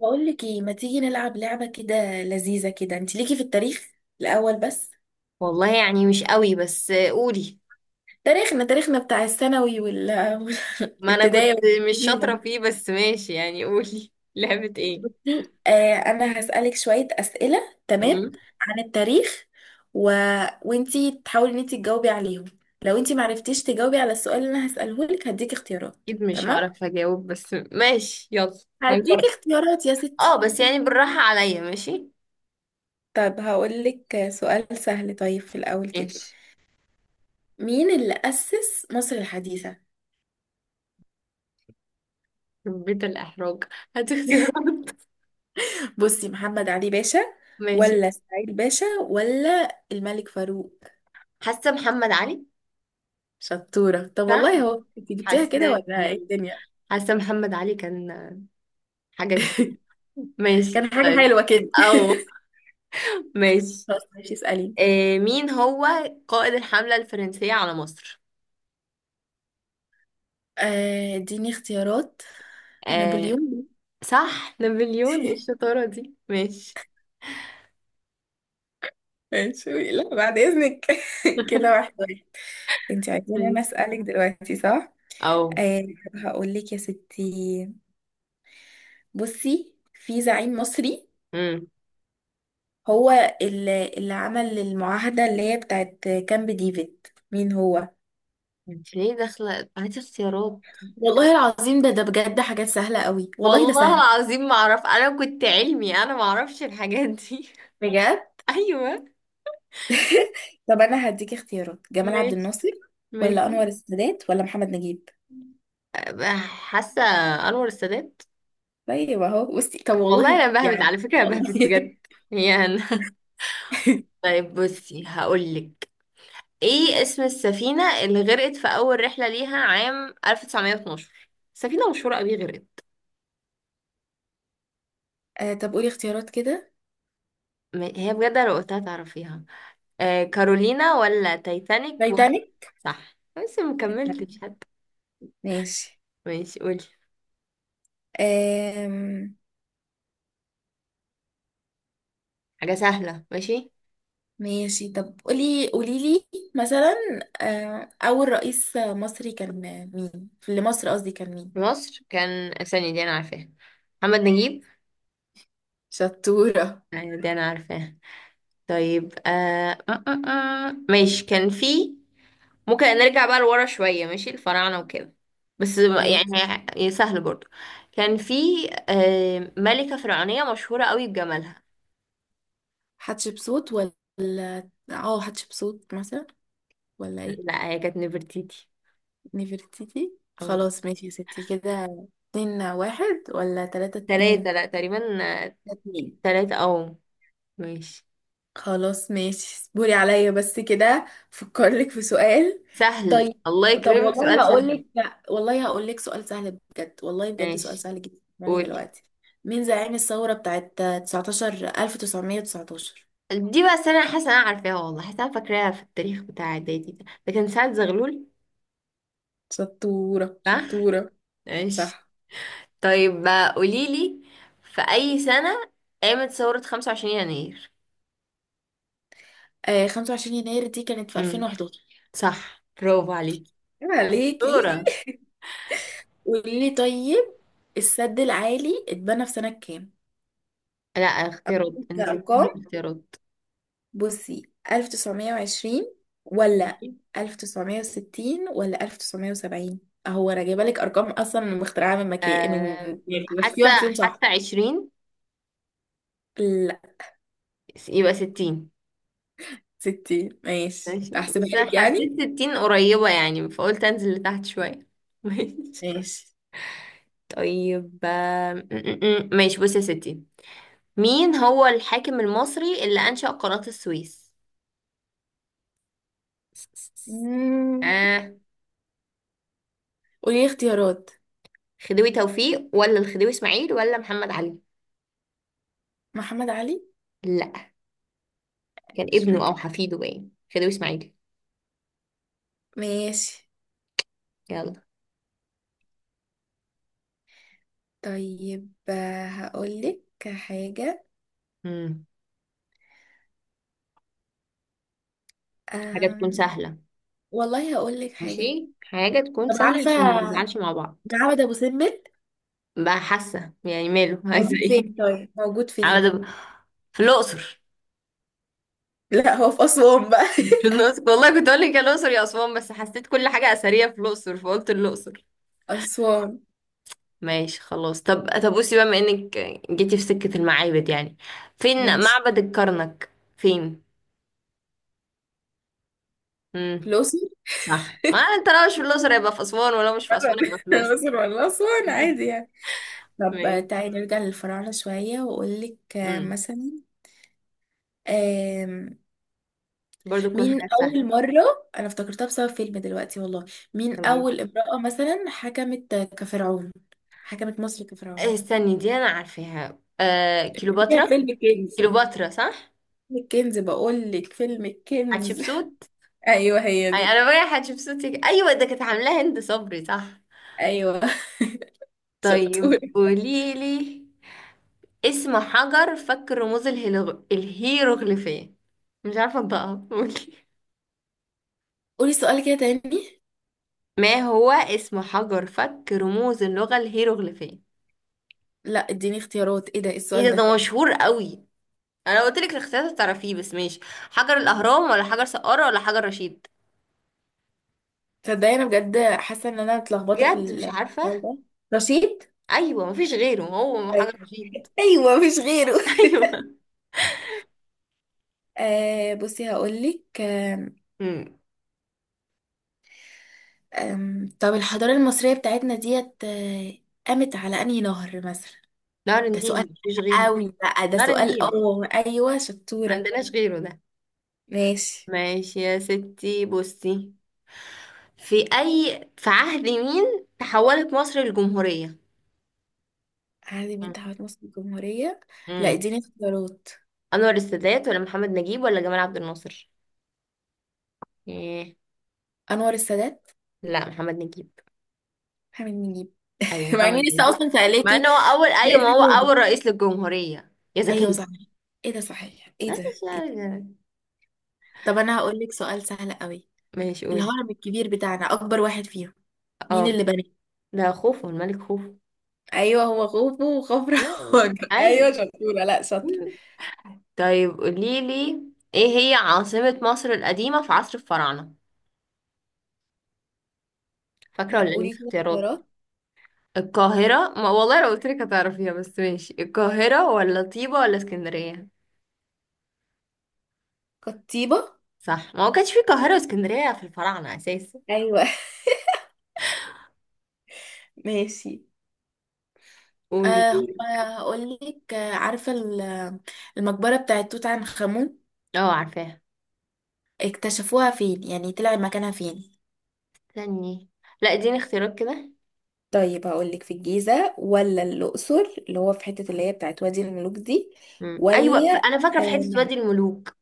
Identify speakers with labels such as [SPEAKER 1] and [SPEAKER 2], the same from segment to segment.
[SPEAKER 1] بقول لك ايه ما تيجي نلعب لعبة كده لذيذة كده. انت ليكي في التاريخ الاول بس.
[SPEAKER 2] والله يعني مش قوي بس قولي.
[SPEAKER 1] تاريخنا بتاع الثانوي وال
[SPEAKER 2] ما انا كنت
[SPEAKER 1] والابتدائي والحاجات
[SPEAKER 2] مش
[SPEAKER 1] دي
[SPEAKER 2] شاطرة فيه بس ماشي يعني قولي لعبة ايه؟
[SPEAKER 1] بصي، انا هسألك شوية أسئلة، تمام؟
[SPEAKER 2] مم.
[SPEAKER 1] عن التاريخ و... وانتي تحاولي ان انتي تجاوبي عليهم. لو انتي معرفتيش تجاوبي على السؤال اللي انا هسأله لك هديك اختيارات،
[SPEAKER 2] اكيد مش
[SPEAKER 1] تمام؟
[SPEAKER 2] هعرف اجاوب بس ماشي يلا
[SPEAKER 1] هديك
[SPEAKER 2] هنجرب.
[SPEAKER 1] اختيارات يا
[SPEAKER 2] اه
[SPEAKER 1] ستي.
[SPEAKER 2] بس يعني بالراحة عليا ماشي.
[SPEAKER 1] طب هقول لك سؤال سهل طيب في الاول كده.
[SPEAKER 2] ماشي،
[SPEAKER 1] مين اللي أسس مصر الحديثة؟
[SPEAKER 2] بيت الاحراج، هات اختيارات.
[SPEAKER 1] بصي، محمد علي باشا
[SPEAKER 2] ماشي،
[SPEAKER 1] ولا سعيد باشا ولا الملك فاروق؟
[SPEAKER 2] حاسة محمد علي.
[SPEAKER 1] شطورة. طب
[SPEAKER 2] صح،
[SPEAKER 1] والله هو انت جبتيها كده
[SPEAKER 2] حاسة،
[SPEAKER 1] ولا ايه الدنيا؟
[SPEAKER 2] حاسة محمد علي كان حاجة جديدة. ماشي
[SPEAKER 1] كان حاجة
[SPEAKER 2] طيب.
[SPEAKER 1] حلوة كده.
[SPEAKER 2] او ماشي.
[SPEAKER 1] خلاص، ماشي، اسأليني.
[SPEAKER 2] آه، مين هو قائد الحملة الفرنسية على مصر؟
[SPEAKER 1] اديني اختيارات.
[SPEAKER 2] آه
[SPEAKER 1] نابليون.
[SPEAKER 2] صح نابليون، ايه الشطارة دي، ماشي.
[SPEAKER 1] ماشي، لا بعد اذنك. كده واحد واحد. انت عايزين انا
[SPEAKER 2] طيب.
[SPEAKER 1] اسألك دلوقتي، صح؟
[SPEAKER 2] او
[SPEAKER 1] آه. هقول لك يا ستي. بصي، في زعيم مصري
[SPEAKER 2] امم،
[SPEAKER 1] هو اللي عمل المعاهدة اللي هي بتاعت كامب ديفيد. مين هو؟
[SPEAKER 2] انت ليه داخلة؟ هاتي اختيارات.
[SPEAKER 1] والله العظيم ده بجد حاجات سهلة قوي، والله ده
[SPEAKER 2] والله
[SPEAKER 1] سهل.
[SPEAKER 2] العظيم ما اعرف، انا كنت علمي، انا ما اعرفش الحاجات دي.
[SPEAKER 1] بجد؟
[SPEAKER 2] ايوه.
[SPEAKER 1] طب أنا هديك اختيارات. جمال عبد
[SPEAKER 2] ماشي
[SPEAKER 1] الناصر ولا
[SPEAKER 2] ماشي.
[SPEAKER 1] أنور السادات ولا محمد نجيب؟
[SPEAKER 2] أبقى حاسة انور السادات.
[SPEAKER 1] طيب أهو بصي، طب والله
[SPEAKER 2] والله انا بهبت
[SPEAKER 1] يعني
[SPEAKER 2] على فكرة، انا
[SPEAKER 1] والله.
[SPEAKER 2] بهبت بجد يعني. طيب بصي هقولك، ايه اسم السفينة اللي غرقت في اول رحلة ليها عام 1912؟ سفينة مشهورة قوي غرقت.
[SPEAKER 1] طب قولي اختيارات كده.
[SPEAKER 2] هي بجد لو قلتها تعرفيها. آه، كارولينا ولا تايتانيك ولا؟
[SPEAKER 1] تايتانيك.
[SPEAKER 2] صح، بس ما كملتش
[SPEAKER 1] تايتانيك.
[SPEAKER 2] حتى.
[SPEAKER 1] ماشي.
[SPEAKER 2] ماشي، قولي
[SPEAKER 1] آم...
[SPEAKER 2] حاجة سهلة. ماشي،
[SPEAKER 1] ماشي، طب قولي، قولي لي مثلا، أول رئيس مصري كان مين؟ في مصر قصدي، كان
[SPEAKER 2] في
[SPEAKER 1] مين؟
[SPEAKER 2] مصر كان؟ ثانية دي أنا عارفاها، محمد نجيب.
[SPEAKER 1] شطورة.
[SPEAKER 2] أيوة دي أنا عارفاها. طيب ماشي، كان في؟ ممكن نرجع بقى لورا شوية، ماشي الفراعنة وكده، بس
[SPEAKER 1] ماشي،
[SPEAKER 2] يعني سهل برضو. كان في ملكة فرعونية مشهورة قوي بجمالها.
[SPEAKER 1] حتشبسوت ولا حتشبسوت مثلا ولا ايه؟
[SPEAKER 2] لا، هي كانت نفرتيتي.
[SPEAKER 1] نفرتيتي،
[SPEAKER 2] اه،
[SPEAKER 1] خلاص ماشي يا ستي كده. اتنين واحد ولا تلاتة اتنين؟
[SPEAKER 2] تلاتة لا تقريبا،
[SPEAKER 1] ده اتنين.
[SPEAKER 2] تلاتة. أو ماشي.
[SPEAKER 1] خلاص ماشي، اصبري عليا بس كده، فكرلك في سؤال.
[SPEAKER 2] سهل
[SPEAKER 1] طيب.
[SPEAKER 2] الله
[SPEAKER 1] طب
[SPEAKER 2] يكرمك،
[SPEAKER 1] والله
[SPEAKER 2] سؤال سهل.
[SPEAKER 1] هقولك، لا والله هقولك سؤال سهل بجد، والله بجد سؤال
[SPEAKER 2] ماشي
[SPEAKER 1] سهل جدا يعني
[SPEAKER 2] قولي.
[SPEAKER 1] دلوقتي. مين زعيم الثورة بتاعت 19 1919؟
[SPEAKER 2] دي بقى السنة أنا حاسة أنا عارفاها، والله حاسة أنا فاكراها في التاريخ بتاع إعدادي، ده كان سعد زغلول.
[SPEAKER 1] شطورة،
[SPEAKER 2] صح؟
[SPEAKER 1] شطورة.
[SPEAKER 2] ماشي.
[SPEAKER 1] صح.
[SPEAKER 2] طيب بقى قوليلي، في أي سنة قامت ثورة 25 يناير؟
[SPEAKER 1] آه، 25 يناير دي كانت في
[SPEAKER 2] امم،
[SPEAKER 1] 2011.
[SPEAKER 2] صح برافو عليكي.
[SPEAKER 1] عيب عليكي.
[SPEAKER 2] دورة.
[SPEAKER 1] قولي لي طيب، السد العالي اتبنى في سنة كام؟
[SPEAKER 2] لا، اختيارات، انزل لي
[SPEAKER 1] كأرقام.
[SPEAKER 2] بالاختيارات.
[SPEAKER 1] بصي، 1920 ولا
[SPEAKER 2] ماشي.
[SPEAKER 1] 1960 ولا 1970؟ اهو انا جايبه لك ارقام اصلا مخترعه من مكان، من
[SPEAKER 2] أه
[SPEAKER 1] يعني، بس في
[SPEAKER 2] حاسة،
[SPEAKER 1] واحد فيهم
[SPEAKER 2] حاسة
[SPEAKER 1] صح.
[SPEAKER 2] 20.
[SPEAKER 1] لا.
[SPEAKER 2] يبقى 60.
[SPEAKER 1] 60، ماشي،
[SPEAKER 2] ماشي،
[SPEAKER 1] احسبها
[SPEAKER 2] بس
[SPEAKER 1] لك
[SPEAKER 2] أنا
[SPEAKER 1] يعني.
[SPEAKER 2] حسيت التين قريبة يعني فقلت انزل لتحت شوية. ماشي.
[SPEAKER 1] ماشي.
[SPEAKER 2] طيب آم، م- م- م. ماشي بصي يا ستي، مين هو الحاكم المصري اللي أنشأ قناة السويس؟
[SPEAKER 1] مم.
[SPEAKER 2] آه،
[SPEAKER 1] قولي لي اختيارات.
[SPEAKER 2] خديوي توفيق ولا الخديوي إسماعيل ولا محمد علي؟
[SPEAKER 1] محمد علي.
[SPEAKER 2] لا، كان
[SPEAKER 1] مش
[SPEAKER 2] ابنه أو
[SPEAKER 1] فاكره،
[SPEAKER 2] حفيده باين، خديوي إسماعيل.
[SPEAKER 1] ماشي.
[SPEAKER 2] يلا.
[SPEAKER 1] طيب هقولك حاجة.
[SPEAKER 2] مم. حاجة تكون
[SPEAKER 1] أم...
[SPEAKER 2] سهلة.
[SPEAKER 1] والله هقولك حاجة.
[SPEAKER 2] ماشي حاجة تكون
[SPEAKER 1] طب
[SPEAKER 2] سهلة
[SPEAKER 1] عارفة
[SPEAKER 2] عشان ما نزعلش مع بعض.
[SPEAKER 1] معبد أبو سمبل
[SPEAKER 2] بقى حاسة يعني ماله. عايزة
[SPEAKER 1] موجود
[SPEAKER 2] ايه؟
[SPEAKER 1] فين؟ طيب موجود
[SPEAKER 2] عاوزة
[SPEAKER 1] فين؟
[SPEAKER 2] أبقى- في الأقصر.
[SPEAKER 1] لا، هو في أسوان بقى.
[SPEAKER 2] في الأقصر والله، كنت أقول لك يا الأقصر يا أسوان، بس حسيت كل حاجة أثرية في الأقصر فقلت الأقصر.
[SPEAKER 1] أسوان.
[SPEAKER 2] ماشي خلاص. طب بصي بقى، بما إنك جيتي في سكة المعابد يعني، فين
[SPEAKER 1] ماشي.
[SPEAKER 2] معبد الكرنك، فين؟
[SPEAKER 1] في
[SPEAKER 2] امم،
[SPEAKER 1] الأقصر
[SPEAKER 2] صح، ما أنت لو مش في الأقصر يبقى في أسوان، ولو مش في
[SPEAKER 1] مرة.
[SPEAKER 2] أسوان يبقى في الأقصر.
[SPEAKER 1] الأقصر ولا أسوان عادي يعني. طب
[SPEAKER 2] ماشي.
[SPEAKER 1] تعالي نرجع للفراعنة شوية وأقولك
[SPEAKER 2] امم،
[SPEAKER 1] مثلا. آم،
[SPEAKER 2] برضه تكون
[SPEAKER 1] مين
[SPEAKER 2] حاجات سهلة.
[SPEAKER 1] أول مرة أنا افتكرتها بسبب فيلم دلوقتي، والله.
[SPEAKER 2] طب
[SPEAKER 1] مين
[SPEAKER 2] قولي.
[SPEAKER 1] أول امرأة مثلا حكمت كفرعون، حكمت مصر
[SPEAKER 2] آه،
[SPEAKER 1] كفرعون؟
[SPEAKER 2] استني دي أنا عارفاها، آه
[SPEAKER 1] هي
[SPEAKER 2] كيلوباترا.
[SPEAKER 1] فيلم الكنز.
[SPEAKER 2] كيلوباترا صح.
[SPEAKER 1] فيلم الكنز، بقول لك فيلم الكنز.
[SPEAKER 2] حتشبسوت.
[SPEAKER 1] ايوه هي
[SPEAKER 2] أي،
[SPEAKER 1] دي.
[SPEAKER 2] أنا بقى حتشبسوت، أيوة ده كانت عاملاها هند صبري، صح.
[SPEAKER 1] ايوه، شطوره.
[SPEAKER 2] طيب قوليلي، اسم حجر فك رموز الهيروغليفية؟ مش عارفة انطقها، قولي.
[SPEAKER 1] قولي سؤال كده تاني.
[SPEAKER 2] ما هو اسم حجر فك رموز اللغة الهيروغليفية؟
[SPEAKER 1] لا اديني اختيارات، ايه ده، إيه
[SPEAKER 2] ايه
[SPEAKER 1] السؤال
[SPEAKER 2] ده،
[SPEAKER 1] ده؟
[SPEAKER 2] ده مشهور قوي، انا قلت لك الاختيارات تعرفيه، بس ماشي، حجر الاهرام ولا حجر سقارة ولا حجر رشيد؟
[SPEAKER 1] تصدقي انا بجد حاسه ان انا اتلخبطه في
[SPEAKER 2] بجد مش
[SPEAKER 1] السؤال
[SPEAKER 2] عارفة.
[SPEAKER 1] ده. رشيد.
[SPEAKER 2] ايوه، مفيش غيره، هو حجر
[SPEAKER 1] أيوة.
[SPEAKER 2] رشيد.
[SPEAKER 1] ايوه مش غيره.
[SPEAKER 2] ايوه.
[SPEAKER 1] بصي هقولك. آم،
[SPEAKER 2] امم،
[SPEAKER 1] آم، طب الحضارة المصرية بتاعتنا ديت، قامت على أنهي نهر مثلا؟
[SPEAKER 2] نهر
[SPEAKER 1] ده
[SPEAKER 2] النيل،
[SPEAKER 1] سؤال
[SPEAKER 2] مفيش غيره.
[SPEAKER 1] قوي بقى، ده
[SPEAKER 2] نهر
[SPEAKER 1] سؤال.
[SPEAKER 2] النيل،
[SPEAKER 1] اه ايوه شطورة.
[SPEAKER 2] عندناش غيره ده.
[SPEAKER 1] ماشي.
[SPEAKER 2] ماشي يا ستي. بصي، في أي، في عهد مين تحولت مصر للجمهورية؟
[SPEAKER 1] عادل امين تعهد مصر الجمهورية. لا
[SPEAKER 2] امم،
[SPEAKER 1] اديني اختيارات.
[SPEAKER 2] أنور السادات ولا محمد نجيب ولا جمال عبد الناصر؟ إيه.
[SPEAKER 1] انور السادات.
[SPEAKER 2] لا، محمد نجيب.
[SPEAKER 1] محمد نجيب.
[SPEAKER 2] أيوة
[SPEAKER 1] مع
[SPEAKER 2] محمد
[SPEAKER 1] اني لسه
[SPEAKER 2] نجيب،
[SPEAKER 1] اصلا
[SPEAKER 2] مع
[SPEAKER 1] سألاكي.
[SPEAKER 2] إن هو أول،
[SPEAKER 1] لا
[SPEAKER 2] أيوة ما هو
[SPEAKER 1] السعودي.
[SPEAKER 2] أول رئيس للجمهورية يا
[SPEAKER 1] ايوه
[SPEAKER 2] زكية.
[SPEAKER 1] صحيح. ايه ده، صحيح، ايه ده،
[SPEAKER 2] ماشي
[SPEAKER 1] إيه ده؟
[SPEAKER 2] يعني.
[SPEAKER 1] طب انا هقول لك سؤال سهل قوي.
[SPEAKER 2] ماشي قولي.
[SPEAKER 1] الهرم الكبير بتاعنا، اكبر واحد فيهم، مين
[SPEAKER 2] اه،
[SPEAKER 1] اللي بناه؟
[SPEAKER 2] ده خوفو، الملك خوفو.
[SPEAKER 1] ايوه، هو خوفو وخفرع.
[SPEAKER 2] آه،
[SPEAKER 1] وجع.
[SPEAKER 2] أيوة.
[SPEAKER 1] ايوه شطوره، لا شاطره.
[SPEAKER 2] مم. طيب قوليلي، إيه هي عاصمة مصر القديمة في عصر الفراعنة؟ فاكرة
[SPEAKER 1] لا
[SPEAKER 2] ولا إيه
[SPEAKER 1] قولي كده
[SPEAKER 2] الاختيارات؟
[SPEAKER 1] اختيارات.
[SPEAKER 2] القاهرة، ما والله لو قلت لك هتعرفيها، بس ماشي، القاهرة ولا طيبة ولا اسكندرية؟
[SPEAKER 1] قطيبه.
[SPEAKER 2] صح، ما هو كانش في القاهرة واسكندرية في الفراعنة أساسا.
[SPEAKER 1] ايوه. ماشي.
[SPEAKER 2] قولي
[SPEAKER 1] أه
[SPEAKER 2] قولي.
[SPEAKER 1] هقول لك. عارفه المقبره بتاعت توت عنخ امون
[SPEAKER 2] اه عارفاها.
[SPEAKER 1] اكتشفوها فين، يعني طلع مكانها فين؟
[SPEAKER 2] استني، لا اديني اختيارات كده.
[SPEAKER 1] طيب هقولك، في الجيزة ولا الأقصر اللي هو في حتة اللي هي بتاعت وادي الملوك دي
[SPEAKER 2] مم. ايوه
[SPEAKER 1] ولا
[SPEAKER 2] انا فاكره في حته
[SPEAKER 1] آه،
[SPEAKER 2] وادي الملوك.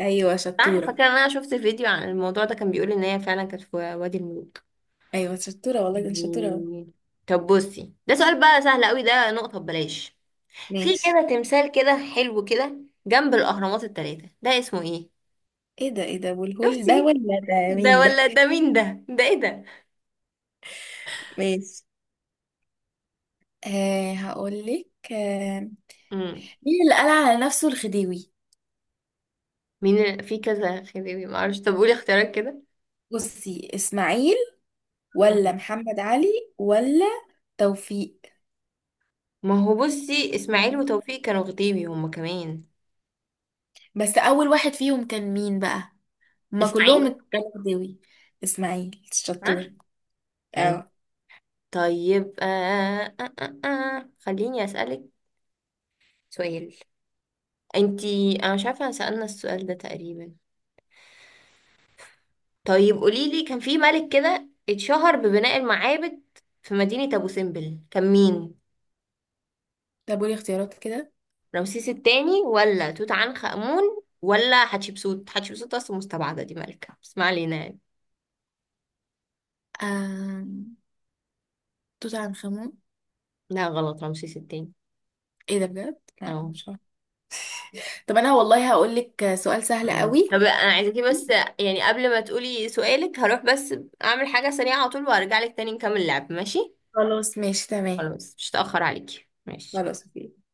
[SPEAKER 1] ايوه
[SPEAKER 2] صح،
[SPEAKER 1] شطورة.
[SPEAKER 2] فاكره ان انا شفت فيديو عن الموضوع ده، كان بيقول ان هي فعلا كانت في وادي الملوك.
[SPEAKER 1] أيوة شطورة، والله ده أنا شطورة أهو.
[SPEAKER 2] مم. طب بصي، ده سؤال بقى سهل قوي، ده نقطه ببلاش، في
[SPEAKER 1] ماشي.
[SPEAKER 2] كده تمثال كده حلو كده جنب الاهرامات الثلاثه، ده اسمه ايه؟
[SPEAKER 1] ايه ده، ايه ده، أبو الهول ده
[SPEAKER 2] شفتي،
[SPEAKER 1] ولا ده،
[SPEAKER 2] ده
[SPEAKER 1] مين ده؟
[SPEAKER 2] ولا ده، مين ده، ده ايه ده.
[SPEAKER 1] ماشي. هقولك. آه،
[SPEAKER 2] امم،
[SPEAKER 1] مين اللي قال على نفسه الخديوي؟
[SPEAKER 2] مين في كذا خديوي، ما اعرفش، طب قولي اختيارات كده.
[SPEAKER 1] بصي، إسماعيل ولا
[SPEAKER 2] مم.
[SPEAKER 1] محمد علي ولا توفيق؟
[SPEAKER 2] ما هو بصي، اسماعيل وتوفيق كانوا خديوي هما كمان.
[SPEAKER 1] بس اول واحد فيهم كان مين بقى؟ هما كلهم
[SPEAKER 2] اسماعيل.
[SPEAKER 1] اتجابوا غداوي. اسماعيل.
[SPEAKER 2] ها.
[SPEAKER 1] شطور.
[SPEAKER 2] أي.
[SPEAKER 1] اه.
[SPEAKER 2] طيب خليني اسالك سؤال. انتي انا مش عارفه أنا سالنا السؤال ده تقريبا. طيب قولي لي، كان في ملك كده اتشهر ببناء المعابد في مدينه ابو سمبل، كان مين؟
[SPEAKER 1] طب قولي اختيارات كده.
[SPEAKER 2] رمسيس التاني ولا توت عنخ آمون ولا حتشبسوت؟ حتشبسوت أصلا مستبعدة دي ملكة، بس ما علينا يعني.
[SPEAKER 1] آم، توت عنخ امون.
[SPEAKER 2] لا غلط، رمسيس التاني.
[SPEAKER 1] ايه ده بجد، لا
[SPEAKER 2] أهو.
[SPEAKER 1] مش عارفه. طب انا والله هقول لك سؤال سهل
[SPEAKER 2] تمام.
[SPEAKER 1] قوي.
[SPEAKER 2] طب أنا عايزاكي بس يعني، قبل ما تقولي سؤالك، هروح بس أعمل حاجة سريعة على طول وأرجع لك تاني نكمل اللعب، ماشي؟
[SPEAKER 1] خلاص ماشي، تمام.
[SPEAKER 2] خلاص مش هتأخر عليكي، ماشي.
[SPEAKER 1] خلاص.